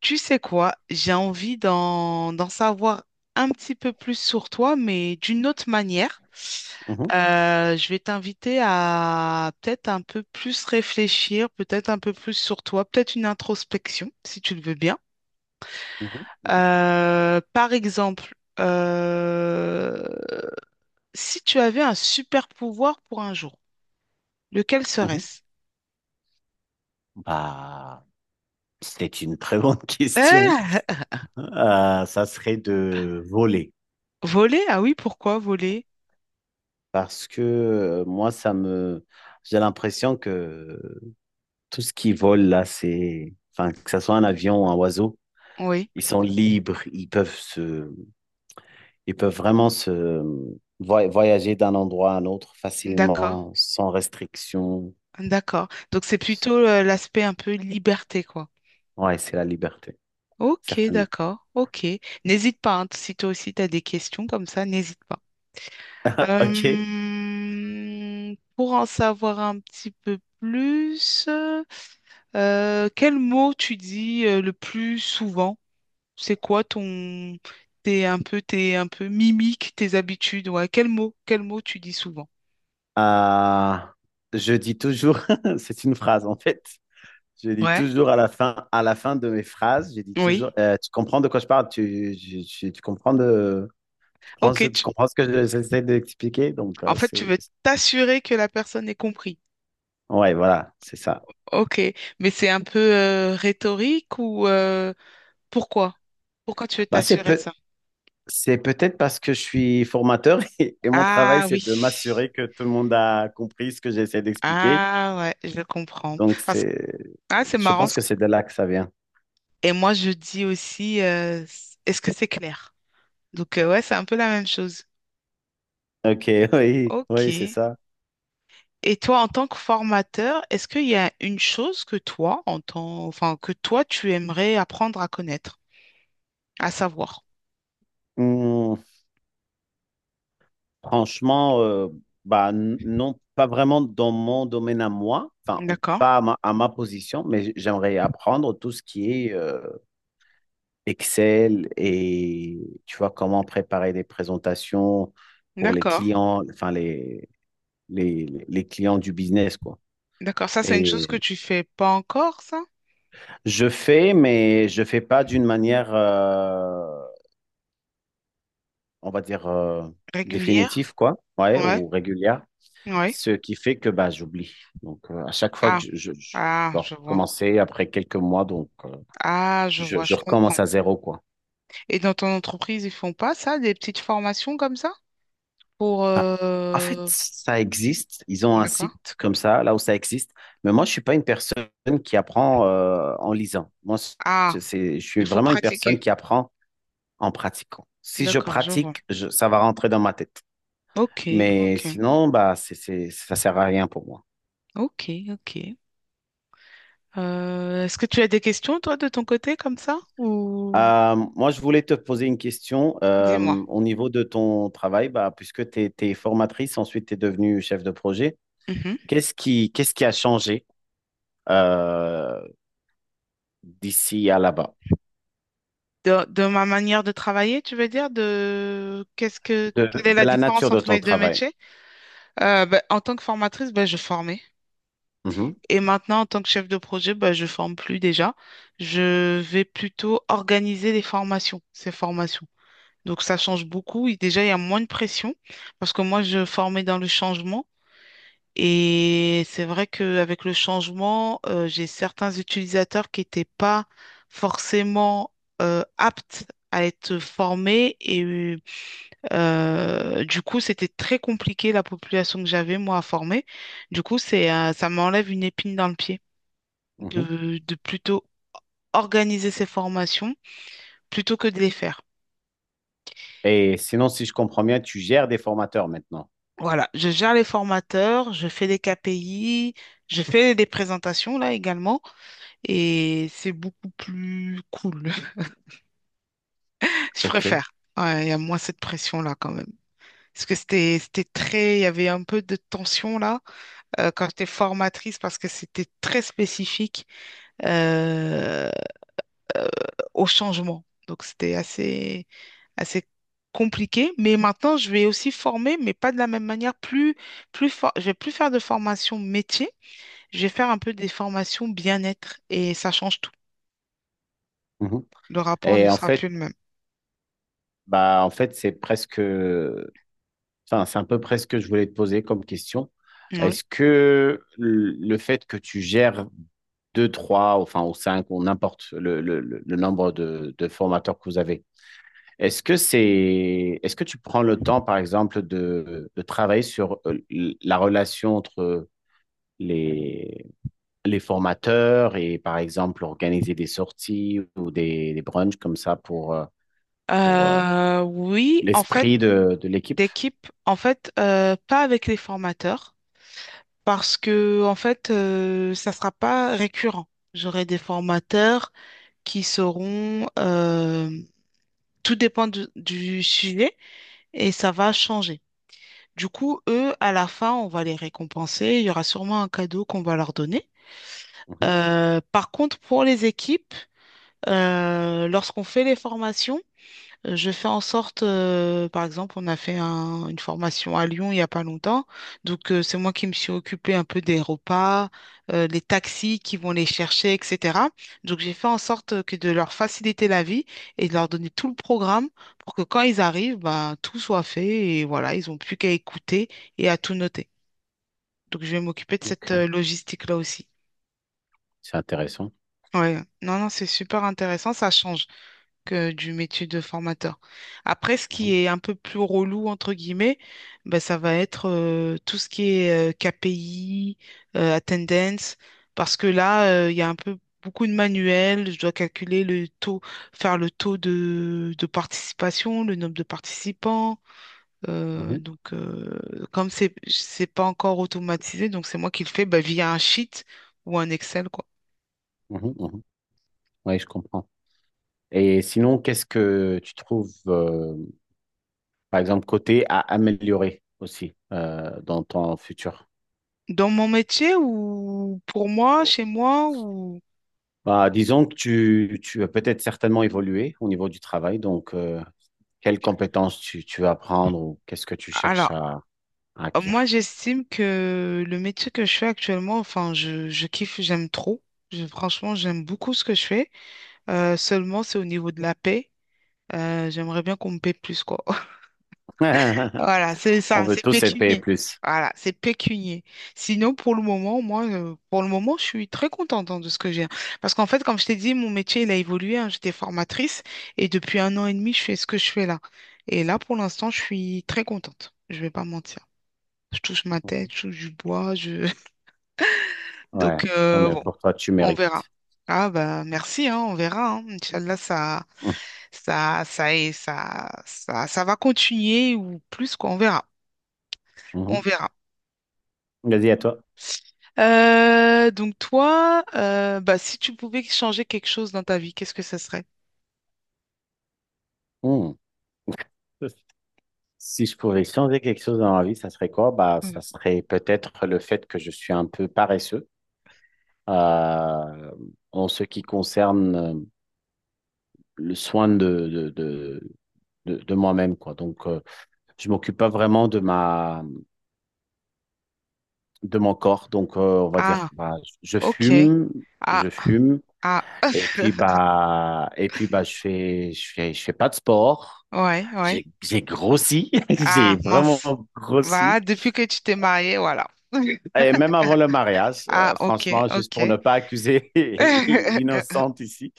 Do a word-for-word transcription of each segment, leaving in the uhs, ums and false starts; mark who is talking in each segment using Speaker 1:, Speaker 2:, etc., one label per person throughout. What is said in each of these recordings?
Speaker 1: Tu sais quoi, j'ai envie d'en d'en savoir un petit peu plus sur toi, mais d'une autre manière.
Speaker 2: Mhm,
Speaker 1: Euh, je vais t'inviter à peut-être un peu plus réfléchir, peut-être un peu plus sur toi, peut-être une introspection, si tu le veux bien.
Speaker 2: mhm, mhm,
Speaker 1: Euh, par exemple, euh, si tu avais un super pouvoir pour un jour, lequel
Speaker 2: mhm.
Speaker 1: serait-ce?
Speaker 2: Bah, c'est une très bonne question.
Speaker 1: Euh,
Speaker 2: Euh, ça serait de voler.
Speaker 1: voler? Ah oui, pourquoi voler?
Speaker 2: Parce que euh, moi, ça me... J'ai l'impression que tout ce qui vole là, c'est... Enfin, que ce soit un avion ou un oiseau,
Speaker 1: Oui,
Speaker 2: ils sont libres, ils peuvent se... Ils peuvent vraiment se... voy- voyager d'un endroit à un autre
Speaker 1: d'accord.
Speaker 2: facilement, sans restriction.
Speaker 1: D'accord. Donc c'est plutôt euh, l'aspect un peu liberté, quoi.
Speaker 2: Ouais, c'est la liberté,
Speaker 1: Ok,
Speaker 2: certainement.
Speaker 1: d'accord. Ok. N'hésite pas, hein, si toi aussi tu as des questions comme ça, n'hésite pas.
Speaker 2: Ok.
Speaker 1: Euh, pour en savoir un petit peu plus, euh, quel mot tu dis euh, le plus souvent? C'est quoi ton t'es un peu t'es un peu mimique, tes habitudes, ouais. Quel mot, quel mot tu dis souvent?
Speaker 2: Euh, je dis toujours, c'est une phrase en fait. Je dis
Speaker 1: Ouais.
Speaker 2: toujours à la fin, à la fin de mes phrases, je dis toujours,
Speaker 1: Oui.
Speaker 2: euh, tu comprends de quoi je parle, tu, je- je- tu comprends de, tu prends
Speaker 1: Ok,
Speaker 2: ce- tu
Speaker 1: tu-
Speaker 2: comprends ce que je- j'essaie d'expliquer. Donc
Speaker 1: en
Speaker 2: euh,
Speaker 1: fait, tu
Speaker 2: c'est,
Speaker 1: veux t'assurer que la personne ait compris.
Speaker 2: ouais, voilà, c'est ça.
Speaker 1: Ok, mais c'est un peu euh, rhétorique ou euh, pourquoi? Pourquoi tu veux
Speaker 2: Bah, c'est
Speaker 1: t'assurer de
Speaker 2: peut,
Speaker 1: ça?
Speaker 2: c'est peut-être parce que je suis formateur et, et mon travail
Speaker 1: Ah oui.
Speaker 2: c'est de m'assurer que tout le monde a compris ce que j'essaie d'expliquer.
Speaker 1: Ah ouais, je comprends.
Speaker 2: Donc
Speaker 1: Parce que
Speaker 2: c'est,
Speaker 1: ah, c'est
Speaker 2: je
Speaker 1: marrant.
Speaker 2: pense
Speaker 1: ce-
Speaker 2: que c'est de là que ça vient.
Speaker 1: Et moi, je dis aussi, euh, s- est-ce que c'est clair? Donc euh, ouais, c'est un peu la même chose.
Speaker 2: Ok, oui,
Speaker 1: Ok.
Speaker 2: oui, c'est
Speaker 1: Et
Speaker 2: ça.
Speaker 1: toi, en tant que formateur, est-ce qu'il y a une chose que toi, en tant, enfin, que toi, tu aimerais apprendre à connaître, à savoir?
Speaker 2: Hmm. Franchement, euh, bah, n- non, pas vraiment dans mon domaine à moi, enfin, ou
Speaker 1: D'accord,
Speaker 2: pas à ma, à ma position, mais j'aimerais apprendre tout ce qui est euh, Excel et, tu vois, comment préparer des présentations pour les
Speaker 1: d'accord,
Speaker 2: clients, enfin, les, les, les clients du business, quoi.
Speaker 1: d'accord. Ça, c'est une chose que
Speaker 2: Et
Speaker 1: tu fais pas encore, ça?
Speaker 2: je fais, mais je fais pas d'une manière, euh, on va dire, euh,
Speaker 1: Régulière?
Speaker 2: définitive, quoi, ouais,
Speaker 1: Ouais,
Speaker 2: ou régulière.
Speaker 1: ouais.
Speaker 2: Ce qui fait que bah, j'oublie. Donc, euh, à chaque fois
Speaker 1: Ah,
Speaker 2: que je, je, je je
Speaker 1: ah,
Speaker 2: dois
Speaker 1: je vois.
Speaker 2: recommencer après quelques mois, donc euh,
Speaker 1: Ah, je
Speaker 2: je,
Speaker 1: vois,
Speaker 2: je
Speaker 1: je comprends.
Speaker 2: recommence à zéro, quoi.
Speaker 1: Et dans ton entreprise, ils font pas ça, des petites formations comme ça? Pour
Speaker 2: Bah, en fait,
Speaker 1: euh...
Speaker 2: ça existe. Ils ont un
Speaker 1: D'accord.
Speaker 2: site comme ça, là où ça existe. Mais moi, je suis pas une personne qui apprend euh, en lisant. Moi,
Speaker 1: Ah,
Speaker 2: c'est, c'est- je suis
Speaker 1: il faut
Speaker 2: vraiment une personne
Speaker 1: pratiquer.
Speaker 2: qui apprend en pratiquant. Si je
Speaker 1: D'accord, je vois.
Speaker 2: pratique, je- ça va rentrer dans ma tête.
Speaker 1: Ok, ok,
Speaker 2: Mais sinon, bah, c'est, c'est, ça sert à rien pour moi.
Speaker 1: ok, ok. Euh, est-ce que tu as des questions, toi, de ton côté, comme ça? Ou
Speaker 2: Euh, moi, je voulais te poser une question euh,
Speaker 1: dis-moi.
Speaker 2: au niveau de ton travail, bah, puisque tu es formatrice, ensuite tu es devenue chef de projet.
Speaker 1: Mhm.
Speaker 2: Qu'est-ce qui, qu'est-ce qui a changé euh, d'ici à là-bas,
Speaker 1: De, de ma manière de travailler, tu veux dire, de qu'est-ce que
Speaker 2: de,
Speaker 1: quelle est
Speaker 2: de
Speaker 1: la
Speaker 2: la
Speaker 1: différence
Speaker 2: nature de
Speaker 1: entre
Speaker 2: ton
Speaker 1: les deux
Speaker 2: travail?
Speaker 1: métiers? Euh, ben, en tant que formatrice, ben, je formais.
Speaker 2: Mhm,
Speaker 1: Et maintenant, en tant que chef de projet, bah, je forme plus déjà. Je vais plutôt organiser les formations, ces formations. Donc, ça change beaucoup. Et déjà, il y a moins de pression parce que moi, je formais dans le changement. Et c'est vrai qu'avec le changement, euh, j'ai certains utilisateurs qui n'étaient pas forcément euh, aptes à être formés. Et euh, du coup, c'était très compliqué la population que j'avais, moi, à former. Du coup, c'est, euh, ça m'enlève une épine dans le pied
Speaker 2: mhm.
Speaker 1: de, de plutôt organiser ces formations plutôt que de les faire.
Speaker 2: Et sinon, si je comprends bien, tu gères des formateurs maintenant.
Speaker 1: Voilà, je gère les formateurs, je fais des K P I, je fais des présentations là également, et c'est beaucoup plus cool. Je
Speaker 2: OK.
Speaker 1: préfère. Ouais, il y a moins cette pression-là quand même. Parce que c'était, c'était très, il y avait un peu de tension là euh, quand j'étais formatrice parce que c'était très spécifique euh, au changement. Donc c'était assez, assez compliqué. Mais maintenant, je vais aussi former, mais pas de la même manière. Plus, plus for- je vais plus faire de formation métier. Je vais faire un peu des formations bien-être et ça change tout.
Speaker 2: Mhm.
Speaker 1: Le rapport ne
Speaker 2: Et en
Speaker 1: sera
Speaker 2: fait,
Speaker 1: plus le même.
Speaker 2: bah, en fait, c'est presque enfin, c'est à peu près ce que je voulais te poser comme question.
Speaker 1: Oui.
Speaker 2: Est-ce que le le fait que tu gères deux, trois, enfin, ou cinq, ou n'importe le, le- le- le nombre de, de formateurs que vous avez. Est-ce que c'est, est-ce que tu prends le temps, par exemple, de, de travailler sur euh, l- la relation entre les, les formateurs et, par exemple, organiser des sorties ou des, des brunchs comme ça pour, euh, pour, euh,
Speaker 1: Euh, oui, en fait,
Speaker 2: l'esprit de, de l'équipe.
Speaker 1: d'équipe, en fait, euh, pas avec les formateurs, parce que en fait, euh, ça sera pas récurrent. J'aurai des formateurs qui seront, euh, tout dépend du du sujet et ça va changer. Du coup, eux, à la fin, on va les récompenser. Il y aura sûrement un cadeau qu'on va leur donner.
Speaker 2: Mhm.
Speaker 1: Euh, par contre, pour les équipes, euh, lorsqu'on fait les formations, euh, je fais en sorte, euh, par exemple, on a fait un- une formation à Lyon il n'y a pas longtemps. Donc, euh, c'est moi qui me suis occupée un peu des repas, euh, les taxis qui vont les chercher, et cetera. Donc, j'ai fait en sorte que de leur faciliter la vie et de leur donner tout le programme pour que quand ils arrivent, ben, tout soit fait et voilà, ils n'ont plus qu'à écouter et à tout noter. Donc, je vais m'occuper de cette euh,
Speaker 2: Ok,
Speaker 1: logistique-là aussi.
Speaker 2: c'est intéressant.
Speaker 1: Ouais. Non, non, c'est super intéressant. Ça change que du métier de formateur. Après, ce
Speaker 2: Mhm.
Speaker 1: qui est un peu plus relou, entre guillemets, ben, ça va être euh, tout ce qui est euh, K P I, euh, attendance, parce que là, euh, il y a un peu beaucoup de manuels. Je dois calculer le taux, faire le taux de, de participation, le nombre de participants, euh,
Speaker 2: Mhm.
Speaker 1: donc, euh, comme c'est c'est pas encore automatisé, donc c'est moi qui le fais bah, via un sheet ou un Excel, quoi.
Speaker 2: Mhm. Mhm. Ouais, je comprends. Et sinon, qu'est-ce que tu trouves, euh, par exemple, côté à améliorer aussi euh, dans ton futur?
Speaker 1: Dans mon métier ou pour moi, chez moi ou...
Speaker 2: Bah, disons que tu, tu as peut-être certainement évolué au niveau du travail, donc euh, quelles compétences tu, tu veux apprendre ou qu'est-ce que tu cherches
Speaker 1: Alors,
Speaker 2: à, à
Speaker 1: moi,
Speaker 2: acquérir?
Speaker 1: j'estime que le métier que je fais actuellement, enfin, je, je kiffe, j'aime trop. Je- franchement, j'aime beaucoup ce que je fais. Euh, seulement, c'est au niveau de la paie. Euh, j'aimerais bien qu'on me paie plus, quoi. Voilà, c'est
Speaker 2: On
Speaker 1: ça,
Speaker 2: veut
Speaker 1: c'est
Speaker 2: tous être payés
Speaker 1: pécunier.
Speaker 2: plus.
Speaker 1: Voilà, c'est pécunier. Sinon, pour le moment, moi, euh, pour le moment, je suis très contente hein, de ce que j'ai. Parce qu'en fait, comme je t'ai dit, mon métier, il a évolué. Hein. J'étais formatrice et depuis un an et demi, je fais ce que je fais là. Et là, pour l'instant, je suis très contente. Je vais pas mentir. Je touche ma
Speaker 2: Mhm.
Speaker 1: tête, je touche du bois. Je...
Speaker 2: Ouais.
Speaker 1: Donc,
Speaker 2: Non,
Speaker 1: euh,
Speaker 2: mais
Speaker 1: bon,
Speaker 2: pour toi, tu
Speaker 1: on
Speaker 2: mérites.
Speaker 1: verra. Ah bah merci, hein, on verra. Hein. Inch'Allah, ça,
Speaker 2: Mhm.
Speaker 1: ça, ça, est- ça, ça, ça va continuer ou plus, quoi, on verra. On
Speaker 2: Mhm.
Speaker 1: verra.
Speaker 2: Vas-y, à toi.
Speaker 1: Euh, donc toi, euh, bah, si tu pouvais changer quelque chose dans ta vie, qu'est-ce que ce serait?
Speaker 2: Mhm. Si je pouvais changer quelque chose dans ma vie, ça serait quoi? Bah,
Speaker 1: Mm.
Speaker 2: ça serait peut-être le fait que je suis un peu paresseux euh, en ce qui concerne euh, le soin de, de, de, de, de moi-même, quoi. Donc, euh, je m'occupe pas vraiment de ma de mon corps donc euh, on va dire
Speaker 1: Ah,
Speaker 2: bah, je
Speaker 1: ok.
Speaker 2: fume,
Speaker 1: Ah,
Speaker 2: je fume
Speaker 1: ah,
Speaker 2: et puis bah et puis bah je fais je fais je fais pas de sport,
Speaker 1: ouais,
Speaker 2: j'ai
Speaker 1: ouais.
Speaker 2: j'ai grossi, j'ai
Speaker 1: Ah,
Speaker 2: vraiment
Speaker 1: mince. Bah,
Speaker 2: grossi.
Speaker 1: depuis que tu t'es mariée, voilà.
Speaker 2: Et même avant le mariage,
Speaker 1: Ah,
Speaker 2: euh,
Speaker 1: ok,
Speaker 2: franchement, juste pour ne
Speaker 1: ok.
Speaker 2: pas accuser l'innocente ici,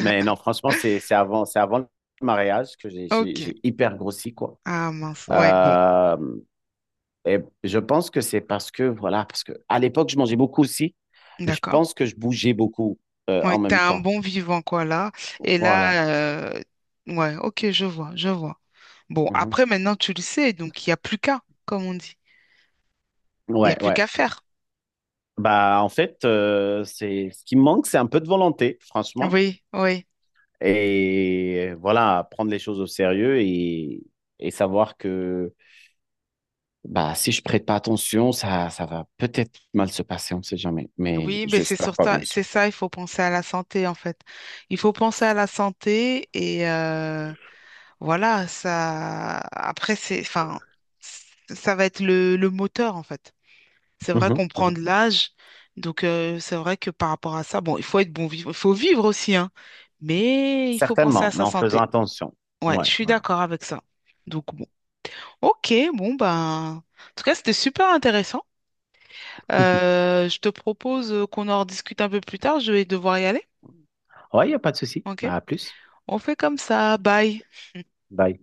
Speaker 2: mais non, franchement, c'est c'est avant c'est avant le mariage que j'ai j'ai
Speaker 1: Ok.
Speaker 2: j'ai hyper grossi, quoi.
Speaker 1: Ah, mince. Ouais, bon,
Speaker 2: Euh, et je pense que c'est parce que, voilà, parce que à l'époque, je mangeais beaucoup aussi, mais je
Speaker 1: d'accord.
Speaker 2: pense que je bougeais beaucoup euh,
Speaker 1: Ouais,
Speaker 2: en même
Speaker 1: t'as un
Speaker 2: temps.
Speaker 1: bon vivant, quoi, là. Et
Speaker 2: Voilà.
Speaker 1: là, euh, ouais, ok, je vois, je vois. Bon,
Speaker 2: Mhm.
Speaker 1: après, maintenant, tu le sais, donc il n'y a plus qu'à, comme on dit. Il n'y a
Speaker 2: Ouais,
Speaker 1: plus
Speaker 2: ouais.
Speaker 1: qu'à faire.
Speaker 2: Bah, en fait, euh, c'est ce qui me manque, c'est un peu de volonté, franchement.
Speaker 1: Oui, oui,
Speaker 2: Et voilà, prendre les choses au sérieux et, et savoir que bah, si je prête pas attention, ça, ça va peut-être mal se passer, on ne sait jamais. Mais
Speaker 1: oui, mais c'est
Speaker 2: j'espère
Speaker 1: sur
Speaker 2: pas,
Speaker 1: ça,
Speaker 2: bien
Speaker 1: c'est
Speaker 2: sûr.
Speaker 1: ça, il faut penser à la santé en fait. Il faut penser à la santé et euh, voilà, ça. Après, c'est, enfin, c- ça va être le, le moteur en fait. C'est vrai
Speaker 2: Mhm,
Speaker 1: qu'on prend de
Speaker 2: mhm.
Speaker 1: l'âge, donc euh, c'est vrai que par rapport à ça, bon, il faut être bon vivre, il faut vivre aussi, hein, mais il faut penser
Speaker 2: Certainement,
Speaker 1: à
Speaker 2: mais
Speaker 1: sa
Speaker 2: en faisant
Speaker 1: santé.
Speaker 2: attention.
Speaker 1: Ouais, je
Speaker 2: Ouais,
Speaker 1: suis
Speaker 2: ouais.
Speaker 1: d'accord avec ça. Donc bon, ok, bon ben, en tout cas, c'était super intéressant. Euh, je te propose euh, qu'on en rediscute un peu plus tard. Je vais devoir y aller.
Speaker 2: Ouais, il n'y a pas de souci.
Speaker 1: OK?
Speaker 2: Bah, à plus.
Speaker 1: On fait comme ça. Bye.
Speaker 2: Bye.